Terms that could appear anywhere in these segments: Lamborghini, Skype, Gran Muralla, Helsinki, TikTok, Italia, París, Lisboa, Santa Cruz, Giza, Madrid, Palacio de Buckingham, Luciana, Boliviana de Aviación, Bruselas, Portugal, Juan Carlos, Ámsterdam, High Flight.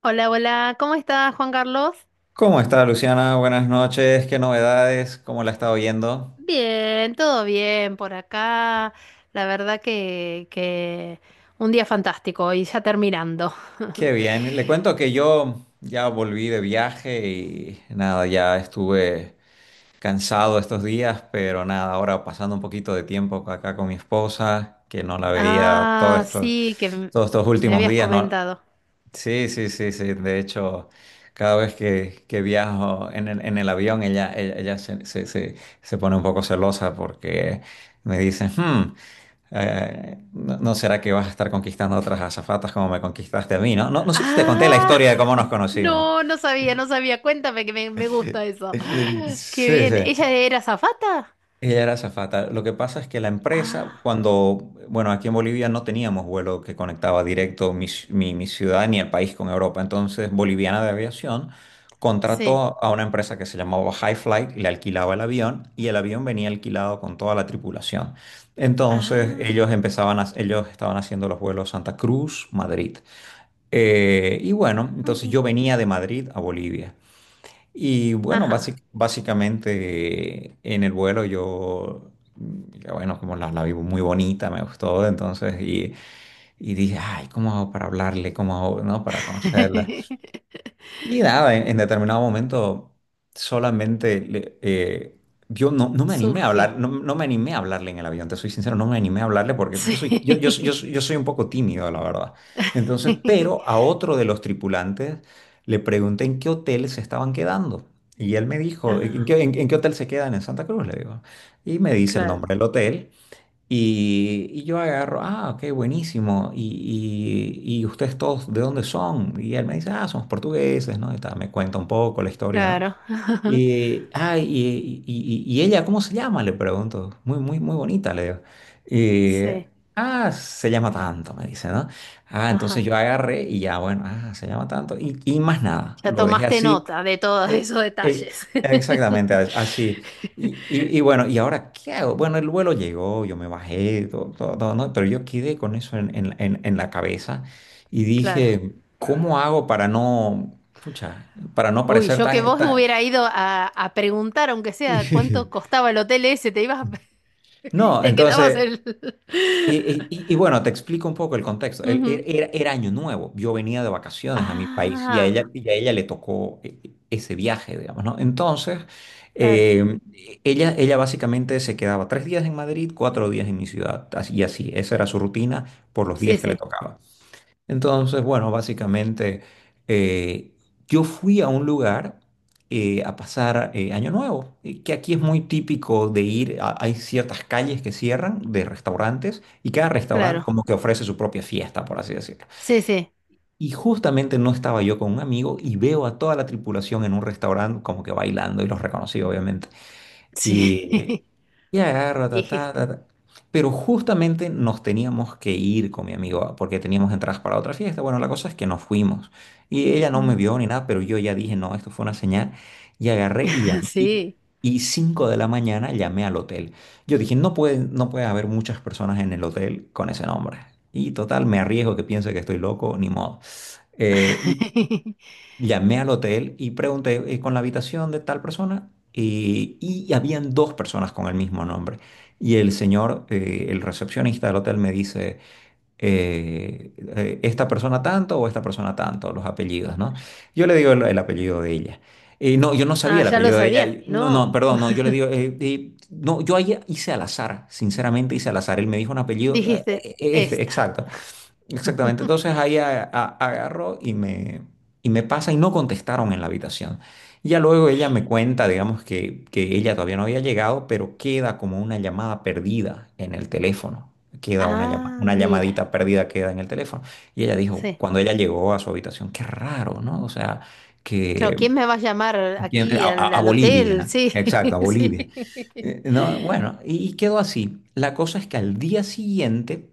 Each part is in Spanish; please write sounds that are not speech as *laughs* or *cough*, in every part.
Hola, hola, ¿cómo estás, Juan Carlos? ¿Cómo está Luciana? Buenas noches. ¿Qué novedades? ¿Cómo la ha estado yendo? Bien, todo bien por acá. La verdad que un día fantástico y ya terminando. Qué *laughs* bien. Le cuento que yo ya volví de viaje y nada, ya estuve cansado estos días, pero nada, ahora pasando un poquito de tiempo acá con mi esposa, que no la veía Ah, sí, que todos estos me últimos habías días, ¿no? comentado. Sí, sí, sí, sí. De hecho, cada vez que viajo en el avión, ella se pone un poco celosa porque me dice, No será que vas a estar conquistando a otras azafatas como me conquistaste a mí, ¿no? ¿no?" No sé si te conté la Ah, historia de cómo nos *laughs* conocimos. no, no sabía, no sabía. Cuéntame que me gusta *laughs* eso. Sí, Qué bien. sí. ¿Ella era azafata? Ella era azafata. Lo que pasa es que la empresa, Ah, cuando, bueno, aquí en Bolivia no teníamos vuelo que conectaba directo mi ciudad ni el país con Europa. Entonces, Boliviana de Aviación sí. contrató a una empresa que se llamaba High Flight, le alquilaba el avión y el avión venía alquilado con toda la tripulación. Entonces, Ah, ellos estaban haciendo los vuelos Santa Cruz, Madrid. Y bueno, entonces ujú. yo venía de Madrid a Bolivia. Y bueno, Ajá. Básicamente en el vuelo yo, ya bueno, como la vi muy bonita, me gustó, entonces, y dije, ay, ¿cómo hago para hablarle? ¿Cómo hago, no? Para conocerla. *laughs* Y nada, en determinado momento solamente le- eh, yo no me animé a Surgió. hablar, no me animé a hablarle en el avión, te soy sincero, no me animé a hablarle porque Sí. yo soy un poco tímido, la verdad. Entonces, pero *laughs* a otro de los tripulantes le pregunté en qué hotel se estaban quedando. Y él me dijo, ¿en Ah. qué, en qué hotel se quedan en Santa Cruz? Le digo. Y me dice el Claro. nombre del hotel. Y yo agarro, ah, ok, buenísimo. Y ustedes todos, ¿de dónde son? Y él me dice, ah, somos portugueses, ¿no? Y tal, me cuenta un poco la historia, ¿no? Claro. *laughs* Y ella, ¿cómo se llama? Le pregunto. Muy, muy, muy bonita, le digo. Y, Sí. Se llama tanto, me dice, ¿no? Ah, entonces Ajá. yo agarré y ya, bueno, ah, se llama tanto. Y más nada, Ya lo dejé tomaste así. nota de todos Eh, esos detalles. Exactamente, *laughs* así. Y bueno, ¿y ahora qué hago? Bueno, el vuelo llegó, yo me bajé, todo, todo, todo, ¿no? Pero yo quedé con eso en la cabeza y Claro. dije, ¿cómo hago para no, pucha, para no Uy, parecer yo que tan, vos tan... hubiera ido a preguntar, aunque sea cuánto *laughs* costaba el hotel ese, te ibas *laughs* y No, te quedabas entonces... el Y, *laughs* y- y- y bueno, te explico un poco el contexto. Ujú. Era año nuevo, yo venía de vacaciones a mi país Ah, y a ella le tocó ese viaje, digamos, ¿no? Entonces, claro. eh, ella, ella básicamente se quedaba tres días en Madrid, cuatro días en mi ciudad, así, esa era su rutina por los días Sí, que le sí, tocaba. Entonces, bueno, básicamente eh, yo fui a un lugar a pasar Año Nuevo, que aquí es muy típico de ir, hay ciertas calles que cierran de restaurantes y cada restaurante claro. como que ofrece su propia fiesta, por así decirlo. Sí, sí, Y justamente no estaba yo con un amigo y veo a toda la tripulación en un restaurante como que bailando y los reconocí, obviamente. sí. Y, y agarro, *laughs* ta, ta, Dijiste. ta, ta. Pero justamente nos teníamos que ir con mi amigo porque teníamos entradas para otra fiesta. Bueno, la cosa es que nos fuimos. Y ella no me Mm. vio ni nada, pero yo ya dije, no, esto fue una señal. Y agarré y *laughs* llamé. Y, Sí. y 5:00 de la mañana llamé al hotel. Yo dije, no puede, no puede haber muchas personas en el hotel con ese nombre. Y total, me arriesgo que piense que estoy loco, ni modo. Y *laughs* llamé al hotel y pregunté con la habitación de tal persona y habían dos personas con el mismo nombre. Y el señor, el recepcionista del hotel me dice, esta persona tanto o esta persona tanto, los apellidos, ¿no? Yo le digo el apellido de ella. No, yo no sabía Ah, el ya lo apellido de ella. sabías. No, no, No, perdón, no, yo le digo, no, yo ahí hice al azar, sinceramente hice al azar. Él me dijo un apellido, dijiste este, esta. exacto. Exactamente. *laughs* Entonces ahí agarró y me pasa y no contestaron en la habitación. Ya luego ella me cuenta, digamos, que ella todavía no había llegado, pero queda como una llamada perdida en el teléfono. Queda Ah, una mira, llamadita perdida queda en el teléfono. Y ella dijo, sí. cuando ella llegó a su habitación, qué raro, ¿no? O sea, Claro, que ¿quién me va a llamar aquí al, a al hotel? Bolivia, Sí, exacto, a *laughs* sí. Bolivia. No, bueno, y quedó así. La cosa es que al día siguiente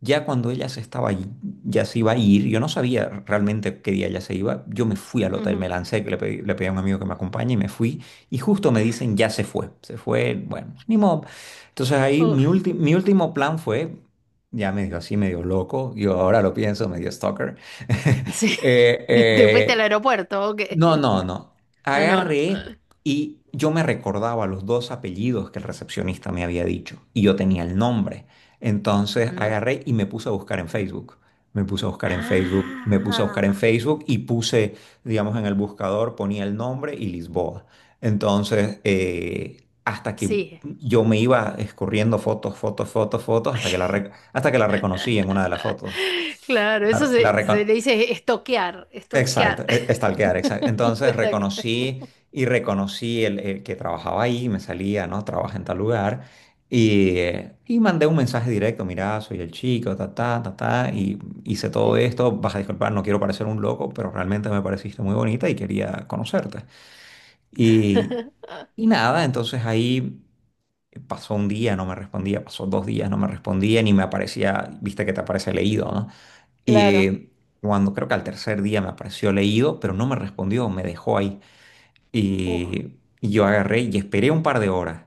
ya cuando ella se estaba, ya se iba a ir, yo no sabía realmente qué día ella se iba, yo me fui al hotel, me Ujú. lancé, que le pedí a un amigo que me acompañe y me fui, y justo me dicen, ya se fue, bueno, ni modo. Entonces ahí Uf, mi último plan fue, ya medio así, medio loco, yo ahora lo pienso, medio stalker, *laughs* sí. *laughs* ¿Te fuiste al eh, aeropuerto? Ok. No. Ah, no, no. Agarré y yo me recordaba los dos apellidos que el recepcionista me había dicho y yo tenía el nombre. Entonces Mm. agarré y me puse a buscar en Facebook. Me puse a buscar en Facebook, me puse a buscar en Ah, Facebook y puse, digamos, en el buscador, ponía el nombre y Lisboa. Entonces, hasta que sí. yo me iba escurriendo fotos, fotos, fotos, fotos, hasta que hasta que la reconocí en una de las *laughs* fotos. Claro, eso La, la, se recon- le dice estoquear, Exacto, estoquear. Stalkear, exacto. *laughs* Entonces Estoquear. reconocí y reconocí el que trabajaba ahí, me salía, ¿no? Trabaja en tal lugar. Y mandé un mensaje directo, mira, soy el chico, ta, ta, ta, ta, y hice todo Sí. esto, vas a disculpar, no quiero parecer un loco, pero realmente me pareciste muy bonita y quería conocerte. Y, *laughs* y nada, entonces ahí pasó un día, no me respondía, pasó dos días, no me respondía, ni me aparecía, viste que te aparece leído, ¿no? Y Claro. eh, Cuando creo que al tercer día me apareció leído, pero no me respondió, me dejó ahí. Uf. Y yo agarré y esperé un par de horas.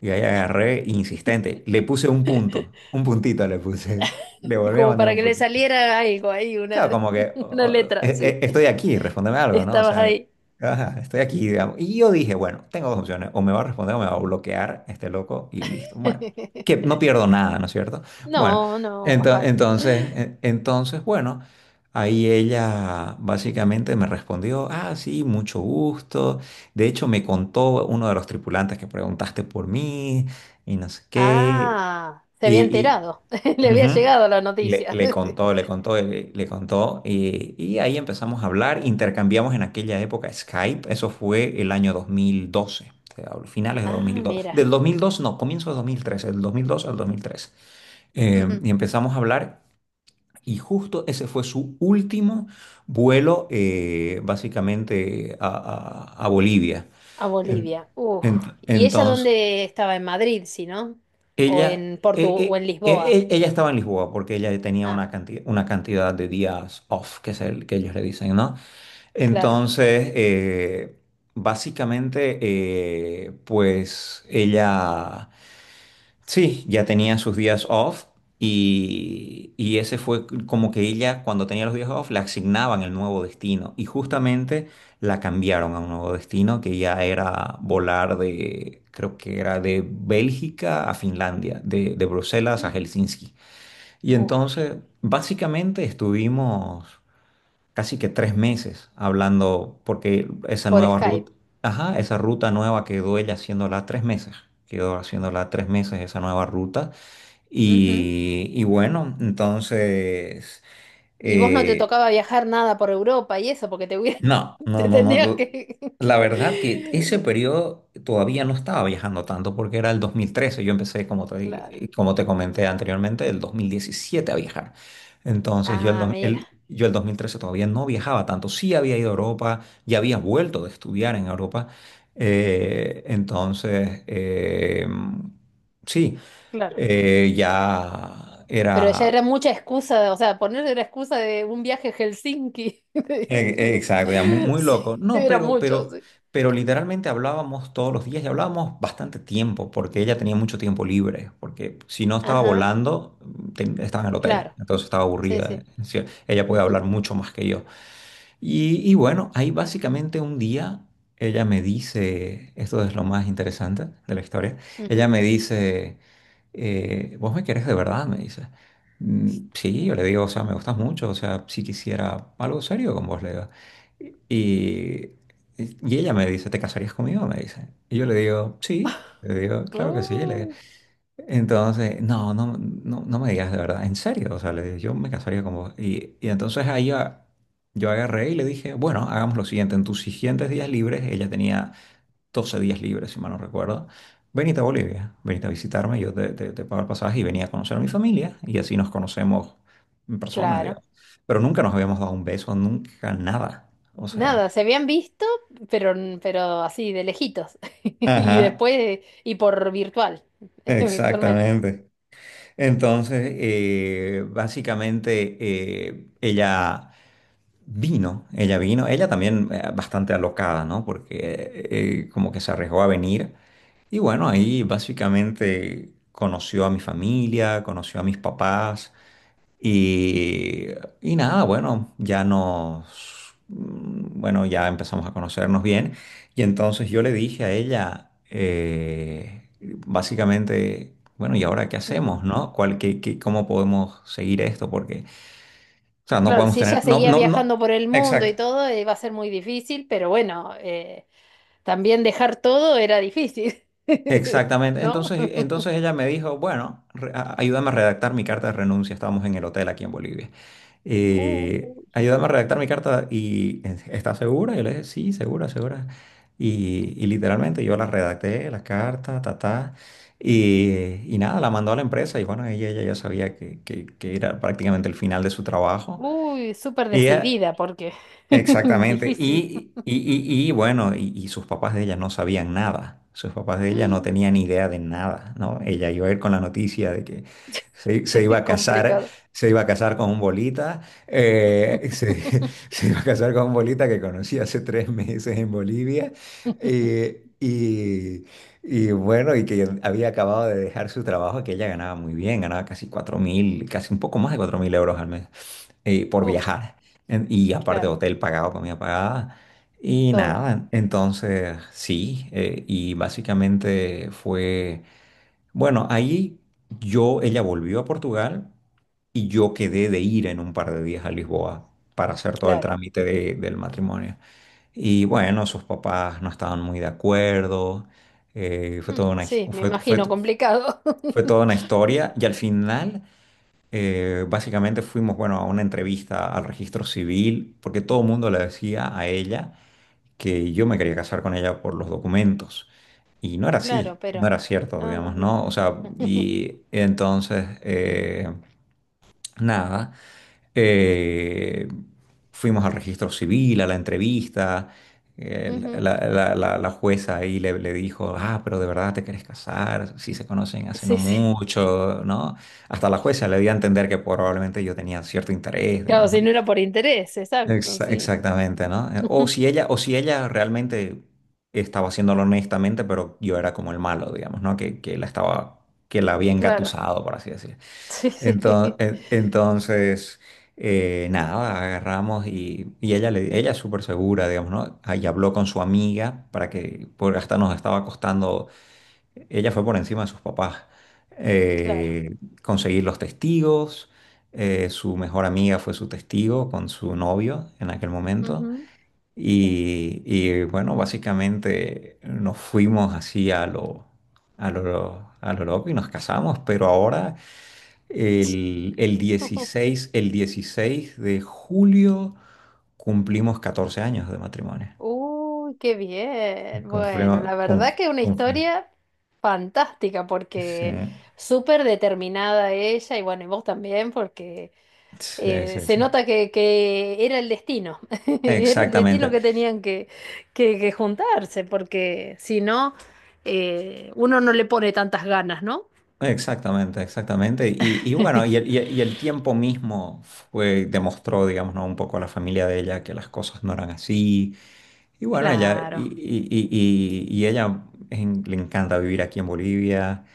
Y ahí agarré insistente, le puse un punto, *laughs* un puntito le puse. *laughs* Le volví a Como mandar para un que le punto. saliera algo ahí, una, Claro, como que *laughs* una, letra, sí. Estoy aquí, respóndeme algo, ¿no? O Estabas sea, ahí. ajá, estoy aquí, digamos. Y yo dije, bueno, tengo dos opciones, o me va a responder o me va a bloquear este loco y listo. Bueno, que *laughs* no pierdo nada, ¿no es cierto? Bueno, No, no, más vale. entonces, entonces, bueno, ahí ella básicamente me respondió, ah, sí, mucho gusto. De hecho, me contó uno de los tripulantes que preguntaste por mí y no sé qué. Ah, se había enterado. *laughs* Le había Ujú. llegado la noticia. *laughs* Le contó, y ahí empezamos a hablar, intercambiamos en aquella época Skype, eso fue el año 2012, te hablo, finales de dos mil Ah, dos mira. No, comienzo de dos mil tres del 2002 al 2003. Eh, Ujú. y empezamos a hablar, y justo ese fue su último vuelo, básicamente, a Bolivia. A En- Bolivia. Uf. ¿Y ella entonces... dónde estaba? ¿En Madrid, si no? ¿O Ella, en Portu eh, o eh, en eh, Lisboa? Ella estaba en Lisboa porque ella tenía Ah, una cantidad de días off, que es el que ellos le dicen, ¿no? claro. Entonces, básicamente, pues ella... Sí, ya tenía sus días off y ese fue como que ella cuando tenía los días off le asignaban el nuevo destino y justamente la cambiaron a un nuevo destino que ya era volar de, creo que era de Bélgica a Finlandia, de Bruselas a Helsinki. Y Uf, entonces básicamente estuvimos casi que tres meses hablando porque esa por nueva Skype. ruta, ajá, esa ruta nueva quedó ella haciéndola tres meses, quedó haciéndola tres meses esa nueva ruta. Ujú. Y bueno, entonces, ¿Y vos no te eh, tocaba viajar nada por Europa y eso? Porque te hubiera *laughs* te no. tendrías no. que La *laughs* verdad que ese periodo todavía no estaba viajando tanto porque era el dos mil trece. Yo empecé, como te, claro. Como te comenté anteriormente, el 2017 a viajar. Entonces Ah, mira, yo el 2013 todavía no viajaba tanto. Sí había ido a Europa, ya había vuelto de estudiar en Europa. Eh, entonces, eh, sí, claro. Ya Pero ya era. era mucha excusa, o sea, ponerle la excusa de un viaje a Helsinki. *laughs* Exacto, ya, muy, muy Sí, loco. No, era mucho, sí. pero literalmente hablábamos todos los días y hablábamos bastante tiempo porque ella tenía mucho tiempo libre, porque si no estaba Ajá, volando, estaba en el hotel, claro, entonces estaba sí, aburrida. sí. Es decir, ella puede Ujú, hablar mucho más que yo. Y bueno, ahí básicamente un día ella me dice, esto es lo más interesante de la historia, ella ujú, me dice ¿vos me querés de verdad? Me dice. Sí, ujú. yo le digo, o sea, me gustas mucho, o sea, si quisiera algo serio con vos, le digo. Y, y ella me dice, ¿te casarías conmigo? Me dice. Y yo le digo, sí, le digo, *laughs* claro que sí, le digo. Uy, Entonces, no, no, no, no me digas de verdad, en serio, o sea, le digo, yo me casaría con vos. Y entonces yo agarré y le dije, bueno, hagamos lo siguiente, en tus siguientes días libres, ella tenía 12 días libres, si mal no recuerdo. Venite a Bolivia, venite a visitarme, yo te pago el pasaje y venía a conocer a mi familia y así nos conocemos en persona, claro. digamos. Pero nunca nos habíamos dado un beso, nunca nada. O sea, Nada, se habían visto, pero, pero así, de lejitos. *laughs* Y ajá, después, y por *laughs* virtualmente. exactamente. Entonces, básicamente, ella vino, ella también bastante alocada, ¿no? Porque como que se arriesgó a venir. Y bueno, ahí básicamente conoció a mi familia, conoció a mis papás y, y nada, bueno, bueno, ya empezamos a conocernos bien. Y entonces yo le dije a ella, básicamente, bueno, ¿y ahora qué Ujú. hacemos, no? ¿ cómo podemos seguir esto? Porque, o sea, no Claro, podemos si tener, ella no, seguía no, no, viajando por el mundo exacto. y todo, iba a ser muy difícil, pero bueno, también dejar todo era difícil, *laughs* Exactamente. ¿no? Entonces ella me dijo, bueno, ayúdame a redactar mi carta de renuncia. Estábamos en el hotel aquí en Bolivia. Uh, Ayúdame a redactar mi carta y ¿estás segura? Yo le dije, sí, segura, segura. Y literalmente yo la redacté, la carta, ta, ta, y nada, la mandó a la empresa y bueno, ella ya sabía que era prácticamente el final de su trabajo. Uy, súper Ella, decidida porque *laughs* exactamente. difícil, Y bueno, y sus papás de ella no sabían nada. Sus papás de ella no *laughs* tenían idea de nada, ¿no? Ella iba a ir con la noticia de que se iba a casar, complicado. se iba a casar con un bolita, eh, se, *laughs* *laughs* se iba a casar con un bolita que conocí hace 3 meses en Bolivia. eh, y, y bueno, y que había acabado de dejar su trabajo, que ella ganaba muy bien, ganaba casi 4.000, casi un poco más de 4.000 euros al mes por Uf, viajar. Y aparte claro, hotel pagado, comida pagada. Y todo, nada, entonces sí, y básicamente bueno, ahí ella volvió a Portugal y yo quedé de ir en un par de días a Lisboa para hacer todo el claro. trámite del matrimonio. Y bueno, sus papás no estaban muy de acuerdo, fue Mm, toda una, sí, me fue imagino complicado. fue toda *laughs* una historia y al final... básicamente fuimos, bueno, a una entrevista al registro civil, porque todo el mundo le decía a ella que yo me quería casar con ella por los documentos. Y no era Claro, así, no era pero cierto, no, no, digamos, no. ¿no? O sea, *laughs* y entonces nada. Eh, fuimos al registro civil, a la entrevista. Ujú, La jueza ahí le dijo, ah, pero de verdad te querés casar, si se conocen hace no sí, sí. mucho, ¿no? Hasta la jueza le dio a entender que probablemente yo tenía cierto interés, Claro, digamos, si ¿no? no era por interés, exacto, sí. Exactamente, ¿no? *laughs* Ujú, O si ella realmente estaba haciéndolo honestamente, pero yo era como el malo, digamos, ¿no? Que la estaba, que la había claro, engatusado, por así decirlo. sí, sí, *laughs* Entonces, nada, agarramos y ella es súper segura, digamos, ¿no? Ahí habló con su amiga para que, porque hasta nos estaba costando, ella fue por encima de sus papás, claro. Conseguir los testigos, su mejor amiga fue su testigo con su novio en aquel momento, Ujú, y bueno, básicamente nos fuimos así a lo loco y nos casamos, pero ahora... sí. El *laughs* 16 el 16 de julio cumplimos 14 años de matrimonio. Uy, qué bien. Confirma Bueno, la cum- verdad que una cum- historia fantástica sí, porque súper determinada ella y bueno, y vos también porque sí, sí, se sí. nota que era el destino, *laughs* era el destino Exactamente, que tenían que juntarse porque si no, uno no le pone tantas ganas, ¿no? exactamente, exactamente. Y bueno, y el tiempo mismo demostró, digamos, ¿no? un poco a la familia de ella que las cosas no eran así. Y bueno, ella, Claro. Y ella le encanta vivir aquí en Bolivia.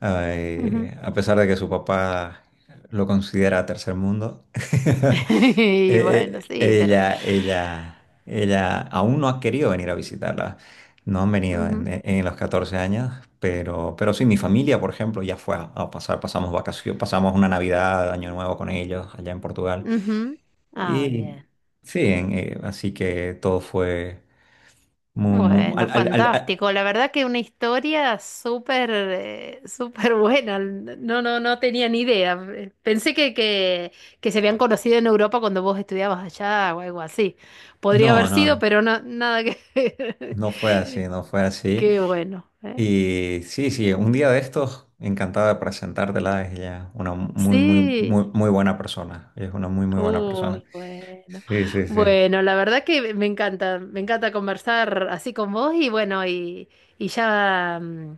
Ay, Ujú. *laughs* a pesar de que su papá lo considera tercer mundo, *laughs* Y bueno, sí, ella aún no ha querido venir a visitarla. No han venido ujú, en los 14 años, pero sí, mi familia, por ejemplo, ya fue a pasar, pasamos vacaciones, pasamos una Navidad, Año Nuevo con ellos allá en Portugal. ujú. Ah, Y bien. sí, así que todo fue muy, muy- Bueno, al- al- al- al- fantástico. La verdad que una historia súper buena. No, no, no tenía ni idea. Pensé que, que se habían conocido en Europa cuando vos estudiabas allá o algo así. Podría haber no, no, sido, no, pero no, nada que *laughs* ver. no fue así, no fue así. Qué bueno, ¿eh? Y sí, sí, un día de estos, encantado de presentártela. Es ella una Sí. Muy buena persona. Ella es una muy, muy buena persona. Uy, bueno. Sí, sí, sí. Bueno, la verdad que me encanta conversar así con vos y bueno, y ya mm,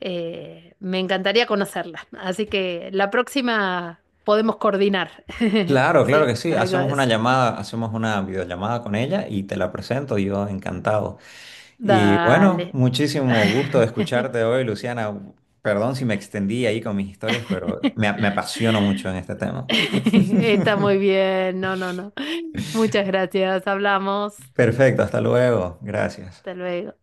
eh, me encantaría conocerla. Así que la próxima podemos coordinar. *laughs* Claro, claro Sí, que sí. algo Hacemos de una eso. llamada, hacemos una videollamada con ella y te la presento. Yo encantado. Y bueno, Dale. muchísimo gusto de escucharte *laughs* hoy, Luciana. Perdón si me extendí ahí con mis historias, pero me apasiono mucho en este tema. Está muy bien. No, no, no. Muchas gracias. Hablamos. Perfecto, hasta luego. Gracias. Hasta luego.